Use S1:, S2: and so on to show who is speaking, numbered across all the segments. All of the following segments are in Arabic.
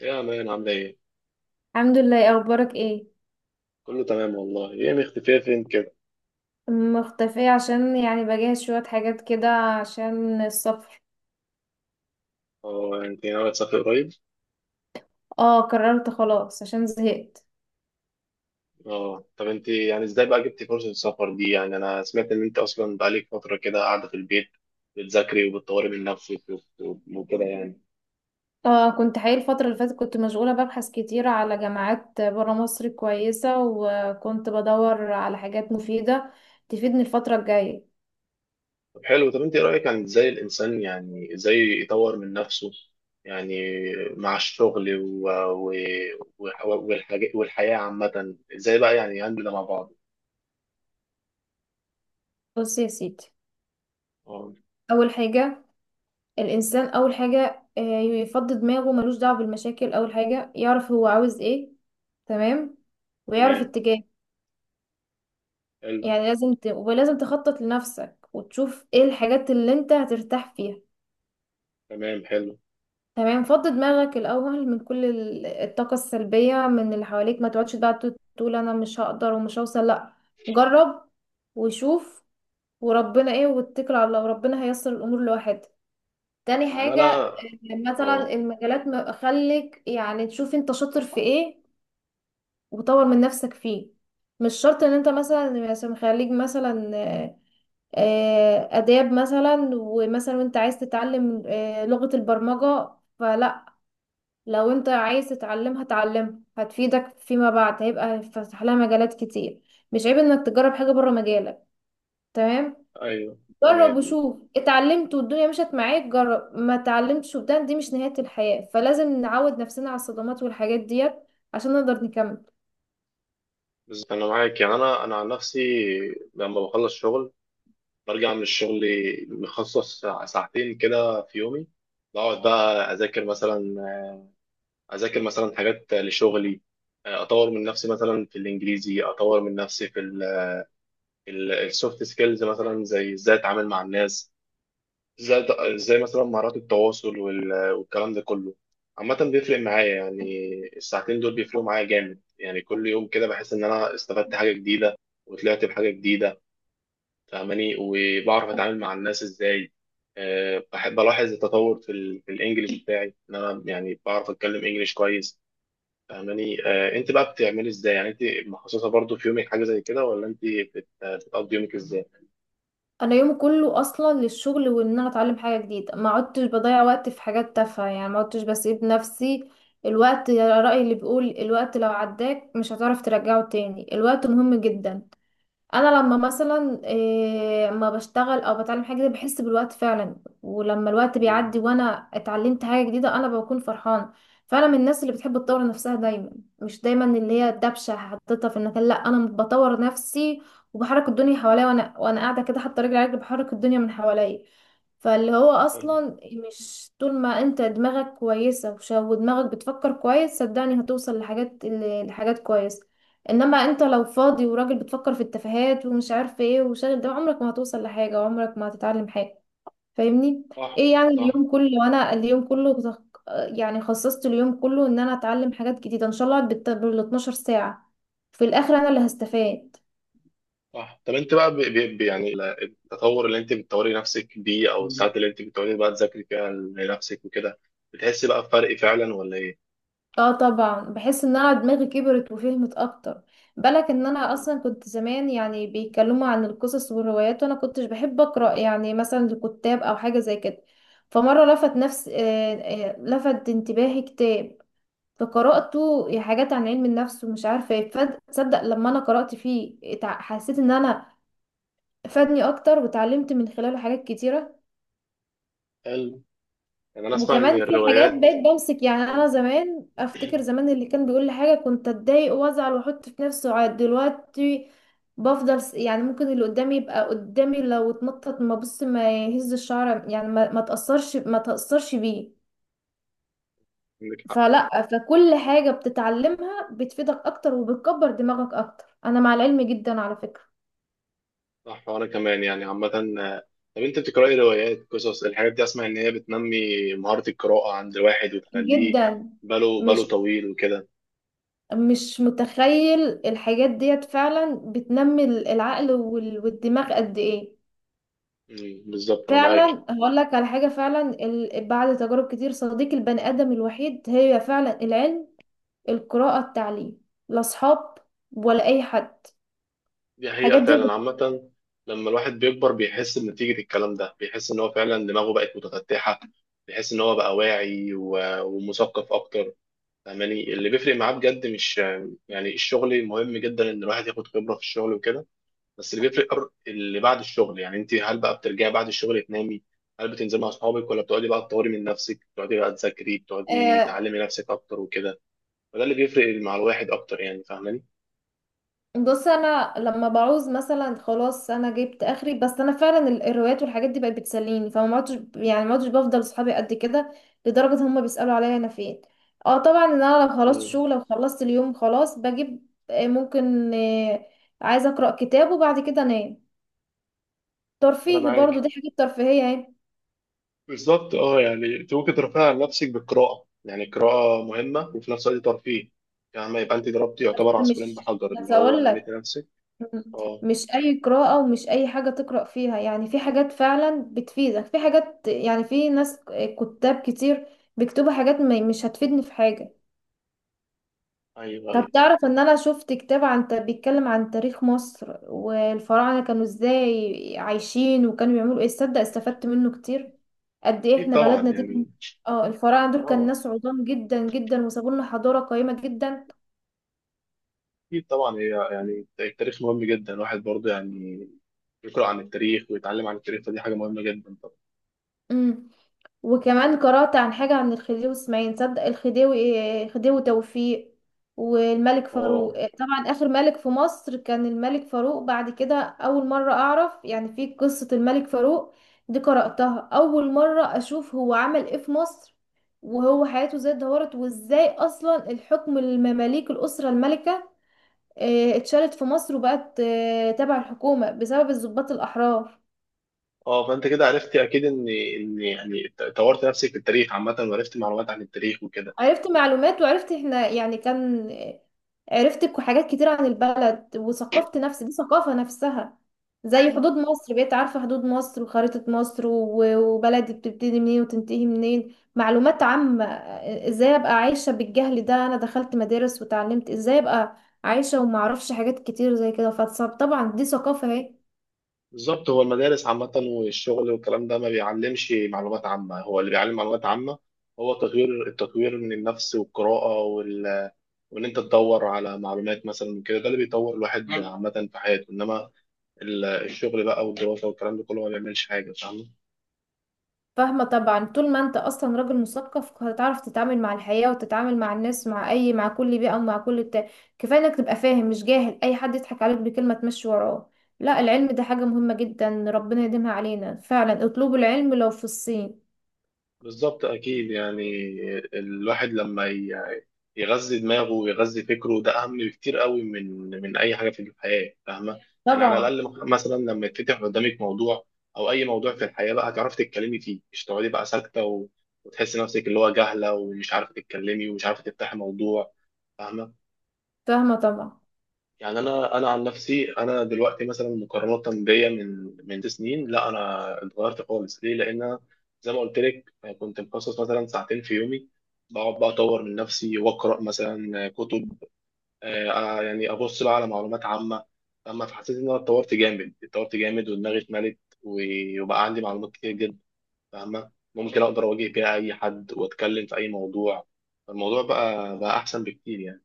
S1: يا مان عاملة ايه؟
S2: الحمد لله، إيه اخبارك؟ ايه،
S1: كله تمام والله، ايه مختفية فين كده؟
S2: مختفية عشان يعني بجهز شوية حاجات كده عشان السفر.
S1: اه انت ناوية تسافري قريب؟
S2: اه قررت خلاص عشان زهقت.
S1: اه طب انت يعني ازاي بقى جبتي فرصة السفر دي؟ يعني انا سمعت ان انت اصلا بقالك فترة كده قاعدة في البيت بتذاكري وبتطوري من نفسك وكده يعني.
S2: اه كنت حقيقي الفترة اللي فاتت كنت مشغولة ببحث كتير على جامعات برا مصر كويسة، وكنت بدور على حاجات مفيدة تفيدني الفترة الجاية.
S1: طب حلو، طب انت ايه رأيك؟ يعني ازاي الانسان يعني ازاي يطور من نفسه يعني مع الشغل والحاجة والحياة عامة، ازاي بقى يعني يهندل ده مع بعض؟
S2: بص يا سيدي،
S1: اه.
S2: أول حاجة، الإنسان أول حاجة يفضي دماغه ملوش دعوة بالمشاكل. أول حاجة يعرف هو عاوز ايه. تمام، ويعرف
S1: تمام
S2: اتجاهه.
S1: حلو.
S2: يعني لازم ولازم تخطط لنفسك وتشوف ايه الحاجات اللي انت هترتاح فيها.
S1: تمام حلو.
S2: تمام. فضي دماغك الاول من كل الطاقة السلبية من اللي حواليك، ما تقعدش بقى تقول انا مش هقدر ومش هوصل، لا. جرب وشوف، وربنا ايه واتكل على الله، وربنا هيسر الامور لوحدها. تاني
S1: يعني
S2: حاجة
S1: انا.
S2: مثلا
S1: اه.
S2: المجالات خليك يعني تشوف انت شاطر في ايه وطور من نفسك فيه. مش شرط ان انت مثلا خليك مثلا آداب، مثلا وانت عايز تتعلم لغة البرمجة. فلا، لو انت عايز تتعلمها تعلمها، هتفيدك فيما بعد، هيبقى هيتفتح لها مجالات كتير. مش عيب انك تجرب حاجة بره مجالك. تمام.
S1: ايوه
S2: جرب
S1: تمام.
S2: وشوف، اتعلمت والدنيا مشت معاك، جرب ما اتعلمتش وبدان دي مش نهاية الحياة، فلازم نعود نفسنا على الصدمات والحاجات ديت عشان نقدر نكمل.
S1: بس انا معاك، يعني انا عن نفسي لما بخلص شغل برجع من الشغل مخصص ساعتين كده في يومي، بقعد بقى اذاكر مثلا، اذاكر مثلا حاجات لشغلي، اطور من نفسي مثلا في الانجليزي، اطور من نفسي في السوفت سكيلز مثلا، زي ازاي اتعامل مع الناس، زي زي مثلا مهارات التواصل والكلام ده كله. عامة بيفرق معايا يعني، الساعتين دول بيفرقوا معايا جامد، يعني كل يوم كده بحس إن أنا استفدت حاجة جديدة وطلعت بحاجة جديدة، فاهماني؟ وبعرف أتعامل مع الناس إزاي. أه بحب ألاحظ التطور في الإنجليش بتاعي، إن أنا يعني بعرف أتكلم إنجليش كويس. فاهماني؟ أه أنت بقى بتعملي إزاي؟ يعني أنت مخصصة برضو في يومك حاجة زي كده، ولا أنت بتقضي يومك إزاي؟
S2: انا يومي كله اصلا للشغل، وان انا اتعلم حاجه جديده ما عدتش بضيع وقت في حاجات تافهه، يعني ما عدتش بسيب نفسي. الوقت يا رأي اللي بيقول، الوقت لو عداك مش هتعرف ترجعه تاني، الوقت مهم جدا. انا لما مثلا اما بشتغل او بتعلم حاجه جديده بحس بالوقت فعلا. ولما الوقت
S1: مم.
S2: بيعدي وانا اتعلمت حاجه جديده انا بكون فرحان. فانا من الناس اللي بتحب تطور نفسها دايما، مش دايما اللي هي الدبشه حطيتها في المكان، لا، انا بطور نفسي وبحرك الدنيا حواليا، وانا قاعده كده حاطه رجلي على رجلي بحرك الدنيا من حواليا. فاللي هو
S1: حلو.
S2: اصلا مش، طول ما انت دماغك كويسه ودماغك بتفكر كويس صدقني هتوصل لحاجات لحاجات كويسه. انما انت لو فاضي وراجل بتفكر في التفاهات ومش عارف ايه وشاغل ده، عمرك ما هتوصل لحاجة وعمرك ما هتتعلم حاجة. فاهمني؟
S1: صح.
S2: ايه يعني
S1: صح.
S2: اليوم كله، وانا اليوم كله يعني خصصت اليوم كله ان انا اتعلم حاجات جديدة ان شاء الله بال 12 ساعة، في الاخر انا اللي هستفاد.
S1: صح. طب انت بقى التطور اللي انت بتطوري نفسك بيه، او الساعات اللي انت بتقعدي بقى تذاكري فيها لنفسك وكده، بتحسي بقى بفرق فعلا ولا ايه؟
S2: اه طبعا بحس ان انا دماغي كبرت وفهمت اكتر. بالك ان انا
S1: مم.
S2: اصلا كنت زمان يعني بيتكلموا عن القصص والروايات وانا كنتش بحب اقرا يعني مثلا لكتاب او حاجه زي كده. فمره لفت نفس لفت انتباهي كتاب فقراته، حاجات عن علم النفس ومش عارفه ايه، تصدق لما انا قرات فيه حسيت ان انا فادني اكتر، وتعلمت من خلاله حاجات كتيره.
S1: حلو. يعني انا اسمع ان
S2: وكمان في حاجات
S1: الروايات.
S2: بقيت بمسك، يعني
S1: اه.
S2: انا زمان افتكر زمان اللي كان بيقول لي حاجه كنت اتضايق وازعل واحط في نفسي، وعاد دلوقتي بفضل يعني ممكن اللي قدامي يبقى قدامي لو اتنطط، ما بص ما يهز الشعر، يعني ما تاثرش، ما تاثرش بيه.
S1: عندك حق.
S2: فلا، فكل حاجه بتتعلمها بتفيدك اكتر وبتكبر دماغك اكتر، انا مع العلم جدا على فكره.
S1: صح. وانا كمان يعني عامة. آه، طب انت بتقرأي روايات، قصص؟ الحاجات دي اسمع ان هي بتنمي مهارة القراءة عند الواحد وتخليه
S2: جدا،
S1: باله
S2: مش
S1: طويل وكده.
S2: مش متخيل الحاجات ديت فعلا بتنمي العقل والدماغ قد ايه.
S1: مم، بالظبط انا معاك.
S2: فعلا هقول لك على حاجة، فعلا بعد تجارب كتير صديق البني آدم الوحيد هي فعلا العلم، القراءة، التعليم، لا أصحاب ولا أي حد.
S1: دي حقيقة
S2: الحاجات دي
S1: فعلا عامة. لما الواحد بيكبر بيحس بنتيجة الكلام ده، بيحس إن هو فعلا دماغه بقت متفتحة، بيحس إن هو بقى واعي ومثقف أكتر. فاهماني؟ اللي بيفرق معاه بجد مش يعني الشغل، مهم جدا إن الواحد ياخد خبرة في الشغل وكده، بس اللي بيفرق اللي بعد الشغل. يعني أنت هل بقى بترجعي بعد الشغل تنامي، هل بتنزلي مع أصحابك، ولا بتقعدي بقى تطوري من نفسك، بتقعدي بقى تذاكري، بتقعدي
S2: آه.
S1: تعلمي نفسك أكتر وكده؟ فده اللي بيفرق مع الواحد أكتر يعني، فاهماني؟
S2: بص، أنا لما بعوز مثلا خلاص أنا جبت آخري، بس أنا فعلا الروايات والحاجات دي بقت بتسليني، فما ما عدتش، يعني ما عدتش بفضل صحابي قد كده، لدرجة هما بيسألوا عليا أنا فين. اه طبعا إن أنا لو خلصت
S1: مم.
S2: شغل، لو خلصت اليوم خلاص بجيب ممكن عايزة أقرأ كتاب وبعد كده أنام.
S1: أنا
S2: ترفيه برضو،
S1: معاك
S2: دي حاجة ترفيهية اهي.
S1: بالظبط. اه يعني انت ممكن ترفعي عن نفسك بالقراءة، يعني القراءة مهمة وفي نفس الوقت ترفيه. يعني ما يبقى انت ضربتي يعتبر
S2: بس،
S1: عصفورين
S2: مش
S1: بحجر،
S2: بس
S1: اللي هو
S2: اقول
S1: نميتي
S2: لك،
S1: نفسك. اه.
S2: مش اي قراءة ومش اي حاجة تقرأ فيها، يعني في حاجات فعلا بتفيدك، في حاجات يعني، في ناس، كتاب كتير بيكتبوا حاجات مش هتفيدني في حاجة.
S1: ايوه
S2: طب
S1: ايوه.
S2: تعرف ان انا شفت كتاب عن بيتكلم عن تاريخ مصر والفراعنة كانوا ازاي عايشين وكانوا بيعملوا ايه؟ تصدق استفدت منه كتير، قد ايه
S1: اكيد
S2: احنا
S1: طبعا
S2: بلدنا دي
S1: يعني.
S2: اه الفراعنة دول كان
S1: اه.
S2: ناس عظام جدا جدا، وسابوا لنا حضارة قيمة جدا.
S1: اكيد طبعا، هي يعني التاريخ مهم جدا، الواحد برضه يعني يقرأ عن التاريخ ويتعلم عن التاريخ، فدي حاجة مهمة جدا طبعا.
S2: امم وكمان قرأت عن حاجة عن الخديوي اسماعيل، تصدق الخديوي خديوي توفيق والملك
S1: اه.
S2: فاروق. طبعا آخر ملك في مصر كان الملك فاروق، بعد كده أول مرة أعرف يعني في قصة الملك فاروق، دي قرأتها أول مرة أشوف هو عمل إيه في مصر، وهو حياته ازاي اتدهورت، وازاي أصلا الحكم المماليك، الأسرة الملكة اتشالت في مصر وبقت تبع الحكومة بسبب الضباط الأحرار.
S1: اه، فانت كده عرفتي اكيد ان ان يعني طورت نفسك في التاريخ عامة، وعرفتي معلومات عن التاريخ وكده.
S2: عرفت معلومات، وعرفت احنا يعني كان، عرفت حاجات كتير عن البلد، وثقفت نفسي، دي ثقافة نفسها. زي حدود مصر، بقيت عارفة حدود مصر وخريطة مصر وبلدي بتبتدي منين وتنتهي منين، معلومات عامة. ازاي ابقى عايشة بالجهل ده، انا دخلت مدارس وتعلمت، ازاي ابقى عايشة ومعرفش حاجات كتير زي كده، فطبعا دي ثقافة اهي.
S1: بالظبط. هو المدارس عامة والشغل والكلام ده ما بيعلمش معلومات عامة، هو اللي بيعلم معلومات عامة هو تطوير، التطوير من النفس والقراءة وإن أنت تدور على معلومات مثلا من كده، ده اللي بيطور الواحد عامة في حياته. إنما الشغل بقى والدراسة والكلام ده كله ما بيعملش حاجة، فاهم؟
S2: فاهمة طبعا، طول ما انت اصلا راجل مثقف هتعرف تتعامل مع الحياة وتتعامل مع الناس، مع اي، مع كل بيئة ومع كل بتاع. كفاية انك تبقى فاهم مش جاهل، اي حد يضحك عليك بكلمة تمشي وراه، لا، العلم ده حاجة مهمة جدا ربنا يديمها علينا، فعلا اطلبوا العلم لو في الصين.
S1: بالظبط. اكيد يعني الواحد لما يغذي دماغه ويغذي فكره، ده اهم بكتير قوي من اي حاجه في الحياه، فاهمه؟ يعني على
S2: طبعا.
S1: الاقل مثلا لما يتفتح قدامك موضوع، او اي موضوع في الحياه، بقى هتعرفي تتكلمي فيه، مش تقعدي بقى ساكته وتحسي نفسك اللي هو جاهله ومش عارفه تتكلمي ومش عارفه تفتحي موضوع، فاهمه؟
S2: فاهمة طبعا.
S1: يعني انا عن نفسي، انا دلوقتي مثلا مقارنه بيا من سنين، لا انا اتغيرت خالص. ليه؟ لان أنا زي ما قلت لك كنت مخصص مثلا ساعتين في يومي، بقعد بقى اطور من نفسي واقرا مثلا كتب، آه، يعني ابص بقى على معلومات عامه. اما فحسيت ان انا اتطورت جامد، اتطورت جامد ودماغي اتملت وبقى عندي معلومات كتير جدا، فاهمه؟ ممكن اقدر اواجه بيها اي حد واتكلم في اي موضوع. الموضوع بقى احسن بكتير يعني.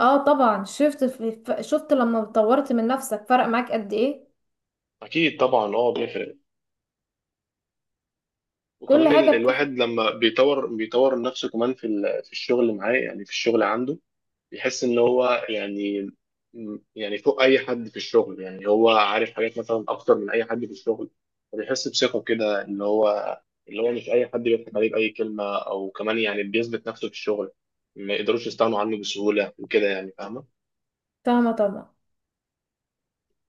S2: اه طبعا، شفت لما طورت من نفسك فرق معاك قد ايه؟
S1: اكيد طبعا، اه بيفرق.
S2: كل
S1: وكمان
S2: حاجة بتفرق.
S1: الواحد لما بيطور نفسه كمان في في الشغل اللي معاه، يعني في الشغل عنده بيحس ان هو يعني يعني فوق اي حد في الشغل، يعني هو عارف حاجات مثلا اكتر من اي حد في الشغل، فبيحس بثقة كده، اللي هو اللي هو مش اي حد بيضحك عليه باي كلمة، او كمان يعني بيثبت نفسه في الشغل، ما يقدروش يستغنوا عنه بسهولة وكده يعني، فاهمة؟
S2: فاهمة طبعا.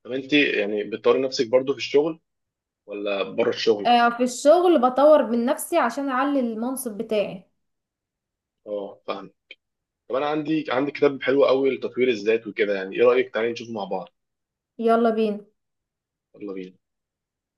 S1: طب انت يعني بتطوري نفسك برضو في الشغل ولا بره الشغل؟
S2: آه، في الشغل بطور من نفسي عشان اعلي المنصب بتاعي.
S1: اه فاهمة. طب انا عندي كتاب حلو قوي لتطوير الذات وكده، يعني ايه رايك تعالي نشوفه مع بعض؟
S2: يلا بينا.
S1: يلا بينا.